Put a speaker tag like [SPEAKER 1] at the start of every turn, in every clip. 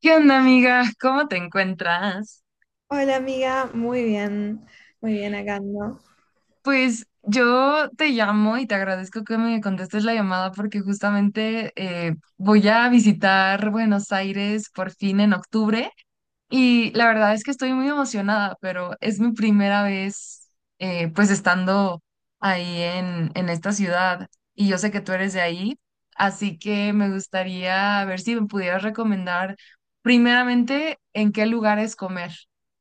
[SPEAKER 1] ¿Qué onda, amiga? ¿Cómo te encuentras?
[SPEAKER 2] Hola amiga, muy bien acá ando.
[SPEAKER 1] Pues yo te llamo y te agradezco que me contestes la llamada porque justamente voy a visitar Buenos Aires por fin en octubre y la verdad es que estoy muy emocionada, pero es mi primera vez pues estando ahí en esta ciudad y yo sé que tú eres de ahí, así que me gustaría ver si me pudieras recomendar primeramente en qué lugares comer,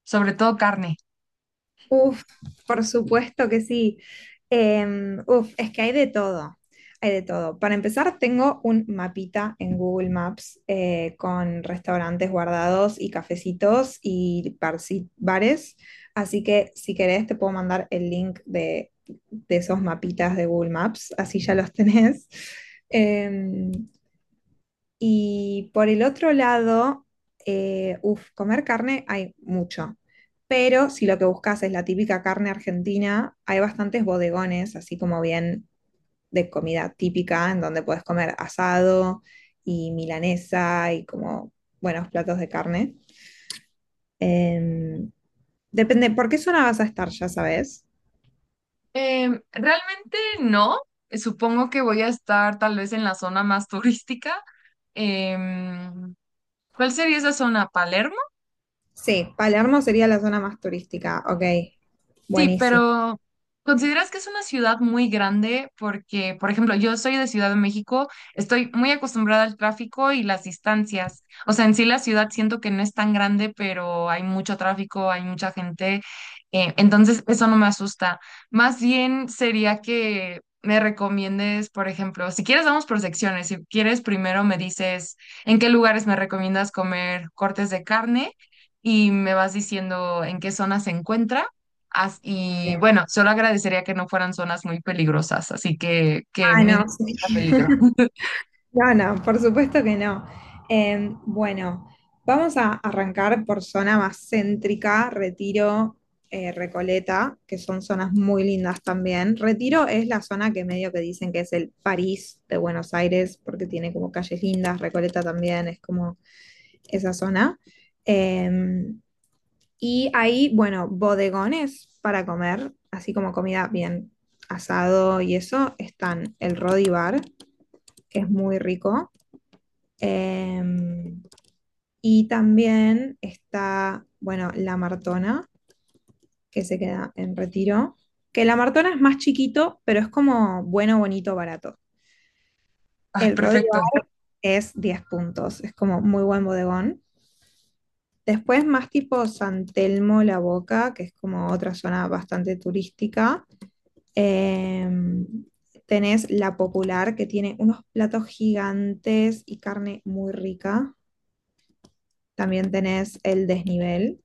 [SPEAKER 1] sobre todo carne.
[SPEAKER 2] Uf, por supuesto que sí. Es que hay de todo, hay de todo. Para empezar, tengo un mapita en Google Maps con restaurantes guardados y cafecitos y bares, así que si querés te puedo mandar el link de esos mapitas de Google Maps, así ya los tenés. Em, Y por el otro lado, comer carne hay mucho. Pero si lo que buscas es la típica carne argentina, hay bastantes bodegones, así como bien de comida típica, en donde puedes comer asado y milanesa y como buenos platos de carne. Em, Depende, ¿por qué zona vas a estar, ya sabes?
[SPEAKER 1] Realmente no. Supongo que voy a estar tal vez en la zona más turística. Em, ¿Cuál sería esa zona? ¿Palermo?
[SPEAKER 2] Sí, Palermo sería la zona más turística, ok,
[SPEAKER 1] Sí,
[SPEAKER 2] buenísimo.
[SPEAKER 1] pero ¿consideras que es una ciudad muy grande? Porque, por ejemplo, yo soy de Ciudad de México, estoy muy acostumbrada al tráfico y las distancias. O sea, en sí la ciudad siento que no es tan grande, pero hay mucho tráfico, hay mucha gente, entonces eso no me asusta. Más bien sería que me recomiendes, por ejemplo, si quieres vamos por secciones, si quieres primero me dices en qué lugares me recomiendas comer cortes de carne y me vas diciendo en qué zona se encuentra. Y
[SPEAKER 2] Eh,
[SPEAKER 1] bueno, solo agradecería que no fueran zonas muy peligrosas, así que
[SPEAKER 2] Ah,
[SPEAKER 1] mi
[SPEAKER 2] no,
[SPEAKER 1] vida
[SPEAKER 2] sí.
[SPEAKER 1] tenga peligro.
[SPEAKER 2] No, no, por supuesto que no. Bueno, vamos a arrancar por zona más céntrica, Retiro, Recoleta, que son zonas muy lindas también. Retiro es la zona que medio que dicen que es el París de Buenos Aires, porque tiene como calles lindas, Recoleta también es como esa zona. Em, y ahí, bueno, bodegones para comer, así como comida bien asado y eso, están el Rodi Bar, que es muy rico, eh, y también está, bueno, La Martona, que se queda en Retiro, que La Martona es más chiquito, pero es como bueno, bonito, barato.
[SPEAKER 1] Ah,
[SPEAKER 2] El Rodiva
[SPEAKER 1] perfecto.
[SPEAKER 2] es 10 puntos, es como muy buen bodegón. Después más tipo San Telmo, La Boca, que es como otra zona bastante turística. Eh, Tenés La Popular, que tiene unos platos gigantes y carne muy rica. También tenés el desnivel,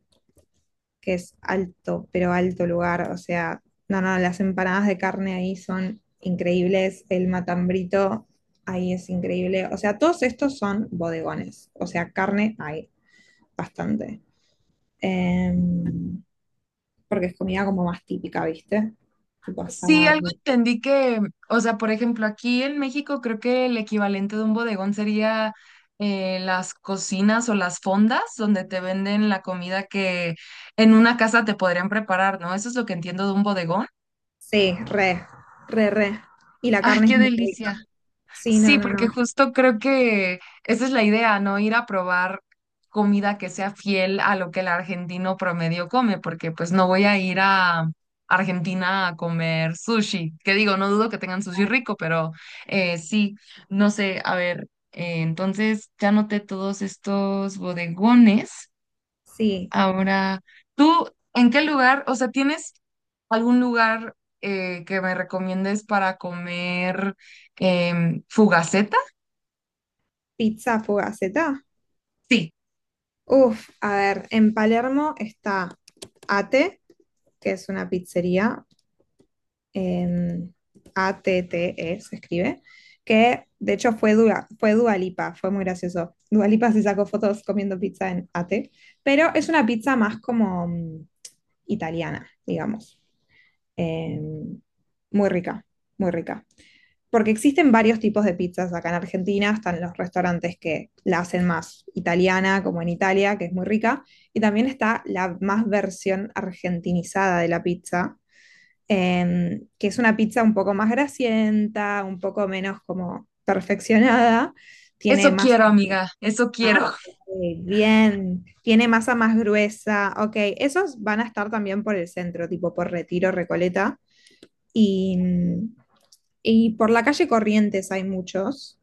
[SPEAKER 2] que es alto, pero alto lugar. O sea, no, no, las empanadas de carne ahí son increíbles. El matambrito ahí es increíble. O sea, todos estos son bodegones. O sea, carne hay bastante. Em, Porque es comida como más típica, ¿viste? Tipo
[SPEAKER 1] Sí, algo
[SPEAKER 2] asado.
[SPEAKER 1] entendí que, o sea, por ejemplo, aquí en México creo que el equivalente de un bodegón sería las cocinas o las fondas donde te venden la comida que en una casa te podrían preparar, ¿no? Eso es lo que entiendo de un bodegón.
[SPEAKER 2] Sí, re, re, re. Y la
[SPEAKER 1] ¡Ay,
[SPEAKER 2] carne es
[SPEAKER 1] qué
[SPEAKER 2] muy rica.
[SPEAKER 1] delicia!
[SPEAKER 2] Sí, no,
[SPEAKER 1] Sí,
[SPEAKER 2] no,
[SPEAKER 1] porque
[SPEAKER 2] no.
[SPEAKER 1] justo creo que esa es la idea, ¿no? Ir a probar comida que sea fiel a lo que el argentino promedio come, porque pues no voy a ir a Argentina a comer sushi, que digo, no dudo que tengan sushi rico, pero sí, no sé, a ver, entonces ya noté todos estos bodegones.
[SPEAKER 2] Sí,
[SPEAKER 1] Ahora, ¿tú en qué lugar, o sea, tienes algún lugar que me recomiendes para comer? Fugacetas.
[SPEAKER 2] pizza fugaceta.
[SPEAKER 1] Sí,
[SPEAKER 2] Uf, a ver, en Palermo está Ate, que es una pizzería, em, ATTE se escribe, que de hecho fue Dua Lipa, fue muy gracioso. Dua Lipa se sacó fotos comiendo pizza en ATE, pero es una pizza más como italiana, digamos. Em, Muy rica, muy rica. Porque existen varios tipos de pizzas acá en Argentina, están los restaurantes que la hacen más italiana, como en Italia, que es muy rica, y también está la más versión argentinizada de la pizza, que es una pizza un poco más grasienta, un poco menos como perfeccionada, tiene
[SPEAKER 1] eso
[SPEAKER 2] masa
[SPEAKER 1] quiero, amiga, eso
[SPEAKER 2] ah,
[SPEAKER 1] quiero.
[SPEAKER 2] ok, bien, tiene masa más gruesa, ok, esos van a estar también por el centro, tipo por Retiro, Recoleta, y, y por la calle Corrientes hay muchos.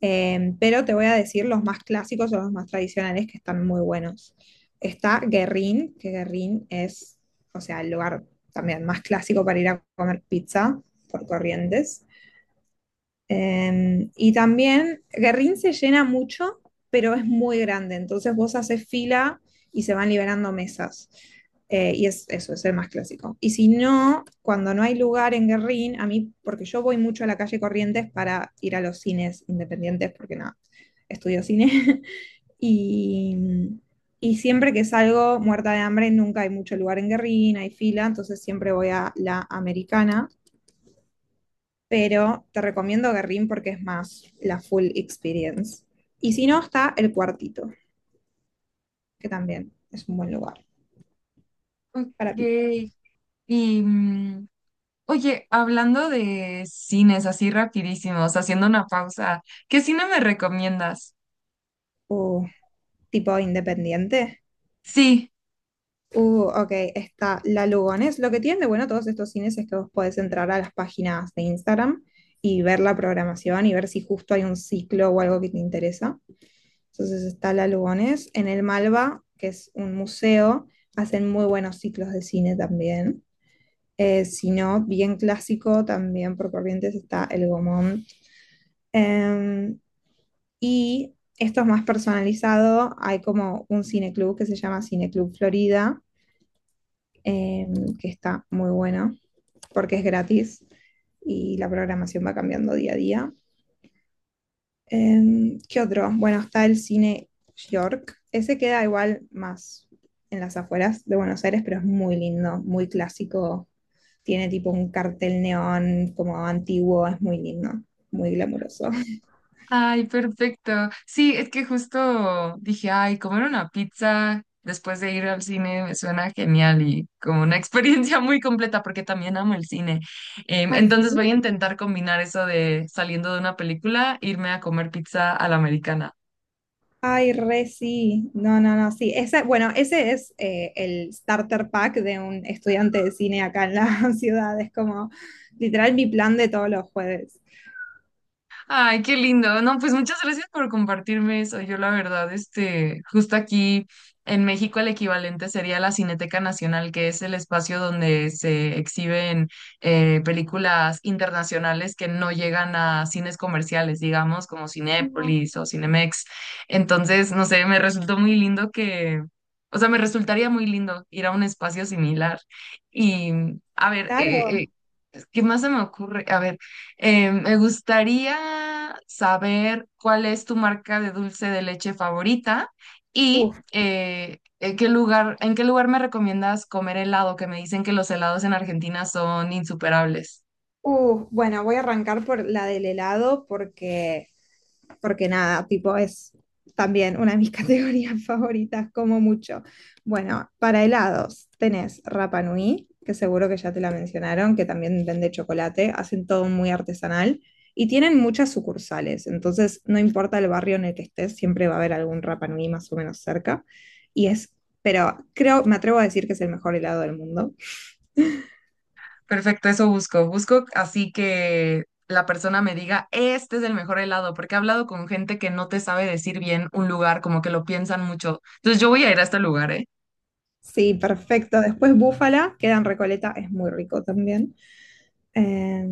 [SPEAKER 2] Pero te voy a decir los más clásicos o los más tradicionales que están muy buenos. Está Guerrín, que Guerrín es, o sea, el lugar también más clásico para ir a comer pizza por Corrientes. Y también Guerrín se llena mucho, pero es muy grande, entonces vos haces fila y se van liberando mesas. Y es eso, es el más clásico. Y si no, cuando no hay lugar en Guerrín, a mí, porque yo voy mucho a la calle Corrientes para ir a los cines independientes, porque no, estudio cine. y, y siempre que salgo muerta de hambre, nunca hay mucho lugar en Guerrín, hay fila, entonces siempre voy a la americana, pero te recomiendo Guerrín porque es más la full experience. Y si no, está El Cuartito, que también es un buen lugar para
[SPEAKER 1] Ok. Y, oye, hablando de cines así rapidísimos, haciendo una pausa, ¿qué cine me recomiendas?
[SPEAKER 2] uh, tipo independiente.
[SPEAKER 1] Sí,
[SPEAKER 2] Ok, está La Lugones. Lo que tienen de bueno todos estos cines es que vos podés entrar a las páginas de Instagram y ver la programación y ver si justo hay un ciclo o algo que te interesa. Entonces está La Lugones. En el Malva, que es un museo, hacen muy buenos ciclos de cine también. Si no, bien clásico también por Corrientes está el Gomón. Em, y esto es más personalizado. Hay como un cineclub que se llama Cineclub Florida, que está muy bueno porque es gratis y la programación va cambiando día a día. ¿Qué otro? Bueno, está el cine York. Ese queda igual más en las afueras de Buenos Aires, pero es muy lindo, muy clásico. Tiene tipo un cartel neón como antiguo, es muy lindo, muy glamuroso.
[SPEAKER 1] ay, perfecto. Sí, es que justo dije, ay, comer una pizza después de ir al cine me suena genial y como una experiencia muy completa porque también amo el cine.
[SPEAKER 2] ¿Ah,
[SPEAKER 1] Entonces
[SPEAKER 2] sí?
[SPEAKER 1] voy a intentar combinar eso de saliendo de una película, irme a comer pizza a la americana.
[SPEAKER 2] Ay, re sí. No, no, no, sí. Ese, bueno, ese es el starter pack de un estudiante de cine acá en la ciudad. Es como literal mi plan de todos los jueves.
[SPEAKER 1] Ay, qué lindo. No, pues muchas gracias por compartirme eso. Yo la verdad, este, justo aquí en México el equivalente sería la Cineteca Nacional, que es el espacio donde se exhiben películas internacionales que no llegan a cines comerciales, digamos, como
[SPEAKER 2] Ujú.
[SPEAKER 1] Cinépolis o Cinemex. Entonces, no sé, me resultó muy lindo que, o sea, me resultaría muy lindo ir a un espacio similar. Y, a ver,
[SPEAKER 2] Claro.
[SPEAKER 1] ¿qué más se me ocurre? A ver, me gustaría saber cuál es tu marca de dulce de leche favorita y
[SPEAKER 2] Uf,
[SPEAKER 1] en qué lugar me recomiendas comer helado, que me dicen que los helados en Argentina son insuperables.
[SPEAKER 2] uf. Bueno, voy a arrancar por la del helado porque, porque nada, tipo es también una de mis categorías favoritas, como mucho. Bueno, para helados tenés Rapa Nui, que seguro que ya te la mencionaron, que también vende chocolate, hacen todo muy artesanal y tienen muchas sucursales, entonces no importa el barrio en el que estés, siempre va a haber algún Rapa Nui más o menos cerca. Y es, pero creo, me atrevo a decir que es el mejor helado del mundo.
[SPEAKER 1] Perfecto, eso busco. Busco así que la persona me diga, este es el mejor helado, porque he hablado con gente que no te sabe decir bien un lugar, como que lo piensan mucho. Entonces yo voy a ir a este lugar, ¿eh?
[SPEAKER 2] Sí, perfecto. Después búfala, queda en Recoleta, es muy rico también. Eh,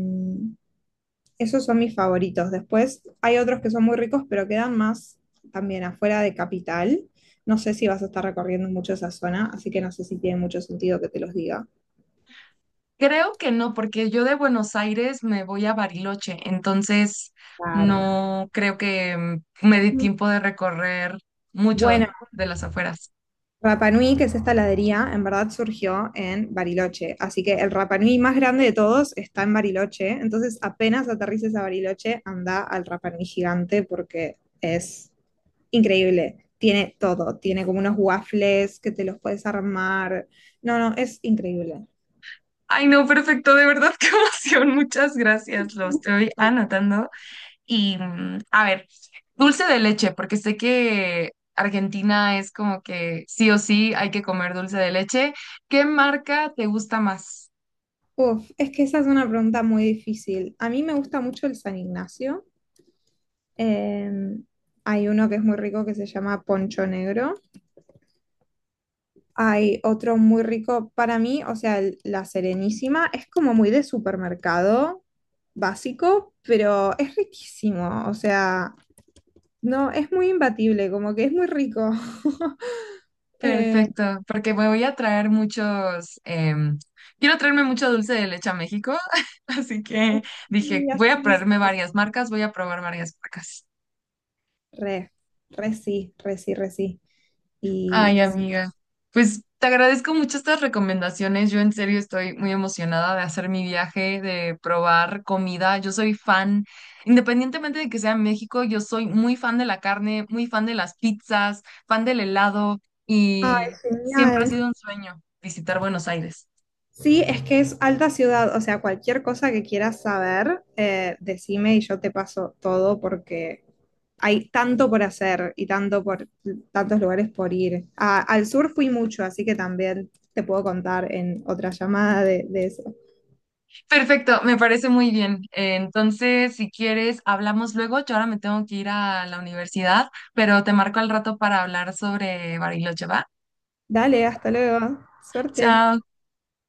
[SPEAKER 2] Esos son mis favoritos. Después hay otros que son muy ricos, pero quedan más también afuera de Capital. No sé si vas a estar recorriendo mucho esa zona, así que no sé si tiene mucho sentido que te los diga.
[SPEAKER 1] Creo que no, porque yo de Buenos Aires me voy a Bariloche, entonces
[SPEAKER 2] Claro.
[SPEAKER 1] no creo que me dé tiempo de recorrer mucho
[SPEAKER 2] Bueno,
[SPEAKER 1] de las afueras.
[SPEAKER 2] Rapa Nui, que es esta heladería, en verdad surgió en Bariloche. Así que el Rapa Nui más grande de todos está en Bariloche. Entonces, apenas aterrices a Bariloche, anda al Rapa Nui gigante porque es increíble. Tiene todo. Tiene como unos waffles que te los puedes armar. No, no, es increíble.
[SPEAKER 1] Ay, no, perfecto, de verdad, qué emoción. Muchas gracias, lo estoy anotando. Y a ver, dulce de leche, porque sé que Argentina es como que sí o sí hay que comer dulce de leche. ¿Qué marca te gusta más?
[SPEAKER 2] Uf, es que esa es una pregunta muy difícil. A mí me gusta mucho el San Ignacio. Em, Hay uno que es muy rico que se llama Poncho Negro. Hay otro muy rico para mí, o sea, el- la Serenísima es como muy de supermercado básico, pero es riquísimo, o sea, no, es muy imbatible, como que es muy rico. Eh,
[SPEAKER 1] Perfecto, porque me voy a traer muchos, quiero traerme mucho dulce de leche a México, así que dije,
[SPEAKER 2] y
[SPEAKER 1] voy a
[SPEAKER 2] así es,
[SPEAKER 1] traerme varias marcas, voy a probar varias marcas.
[SPEAKER 2] re, re sí, re sí, re sí.
[SPEAKER 1] Ay,
[SPEAKER 2] Y, sí.
[SPEAKER 1] amiga, pues te agradezco mucho estas recomendaciones, yo en serio estoy muy emocionada de hacer mi viaje, de probar comida, yo soy fan, independientemente de que sea en México, yo soy muy fan de la carne, muy fan de las pizzas, fan del helado
[SPEAKER 2] Ay,
[SPEAKER 1] y siempre ha
[SPEAKER 2] genial.
[SPEAKER 1] sido un sueño visitar Buenos Aires.
[SPEAKER 2] Sí, es que es alta ciudad, o sea, cualquier cosa que quieras saber, decime y yo te paso todo porque hay tanto por hacer y tanto por tantos lugares por ir. A- al sur fui mucho, así que también te puedo contar en otra llamada de eso.
[SPEAKER 1] Perfecto, me parece muy bien. Entonces, si quieres, hablamos luego. Yo ahora me tengo que ir a la universidad, pero te marco al rato para hablar sobre Bariloche, ¿va?
[SPEAKER 2] Dale, hasta luego. Suerte.
[SPEAKER 1] Chao.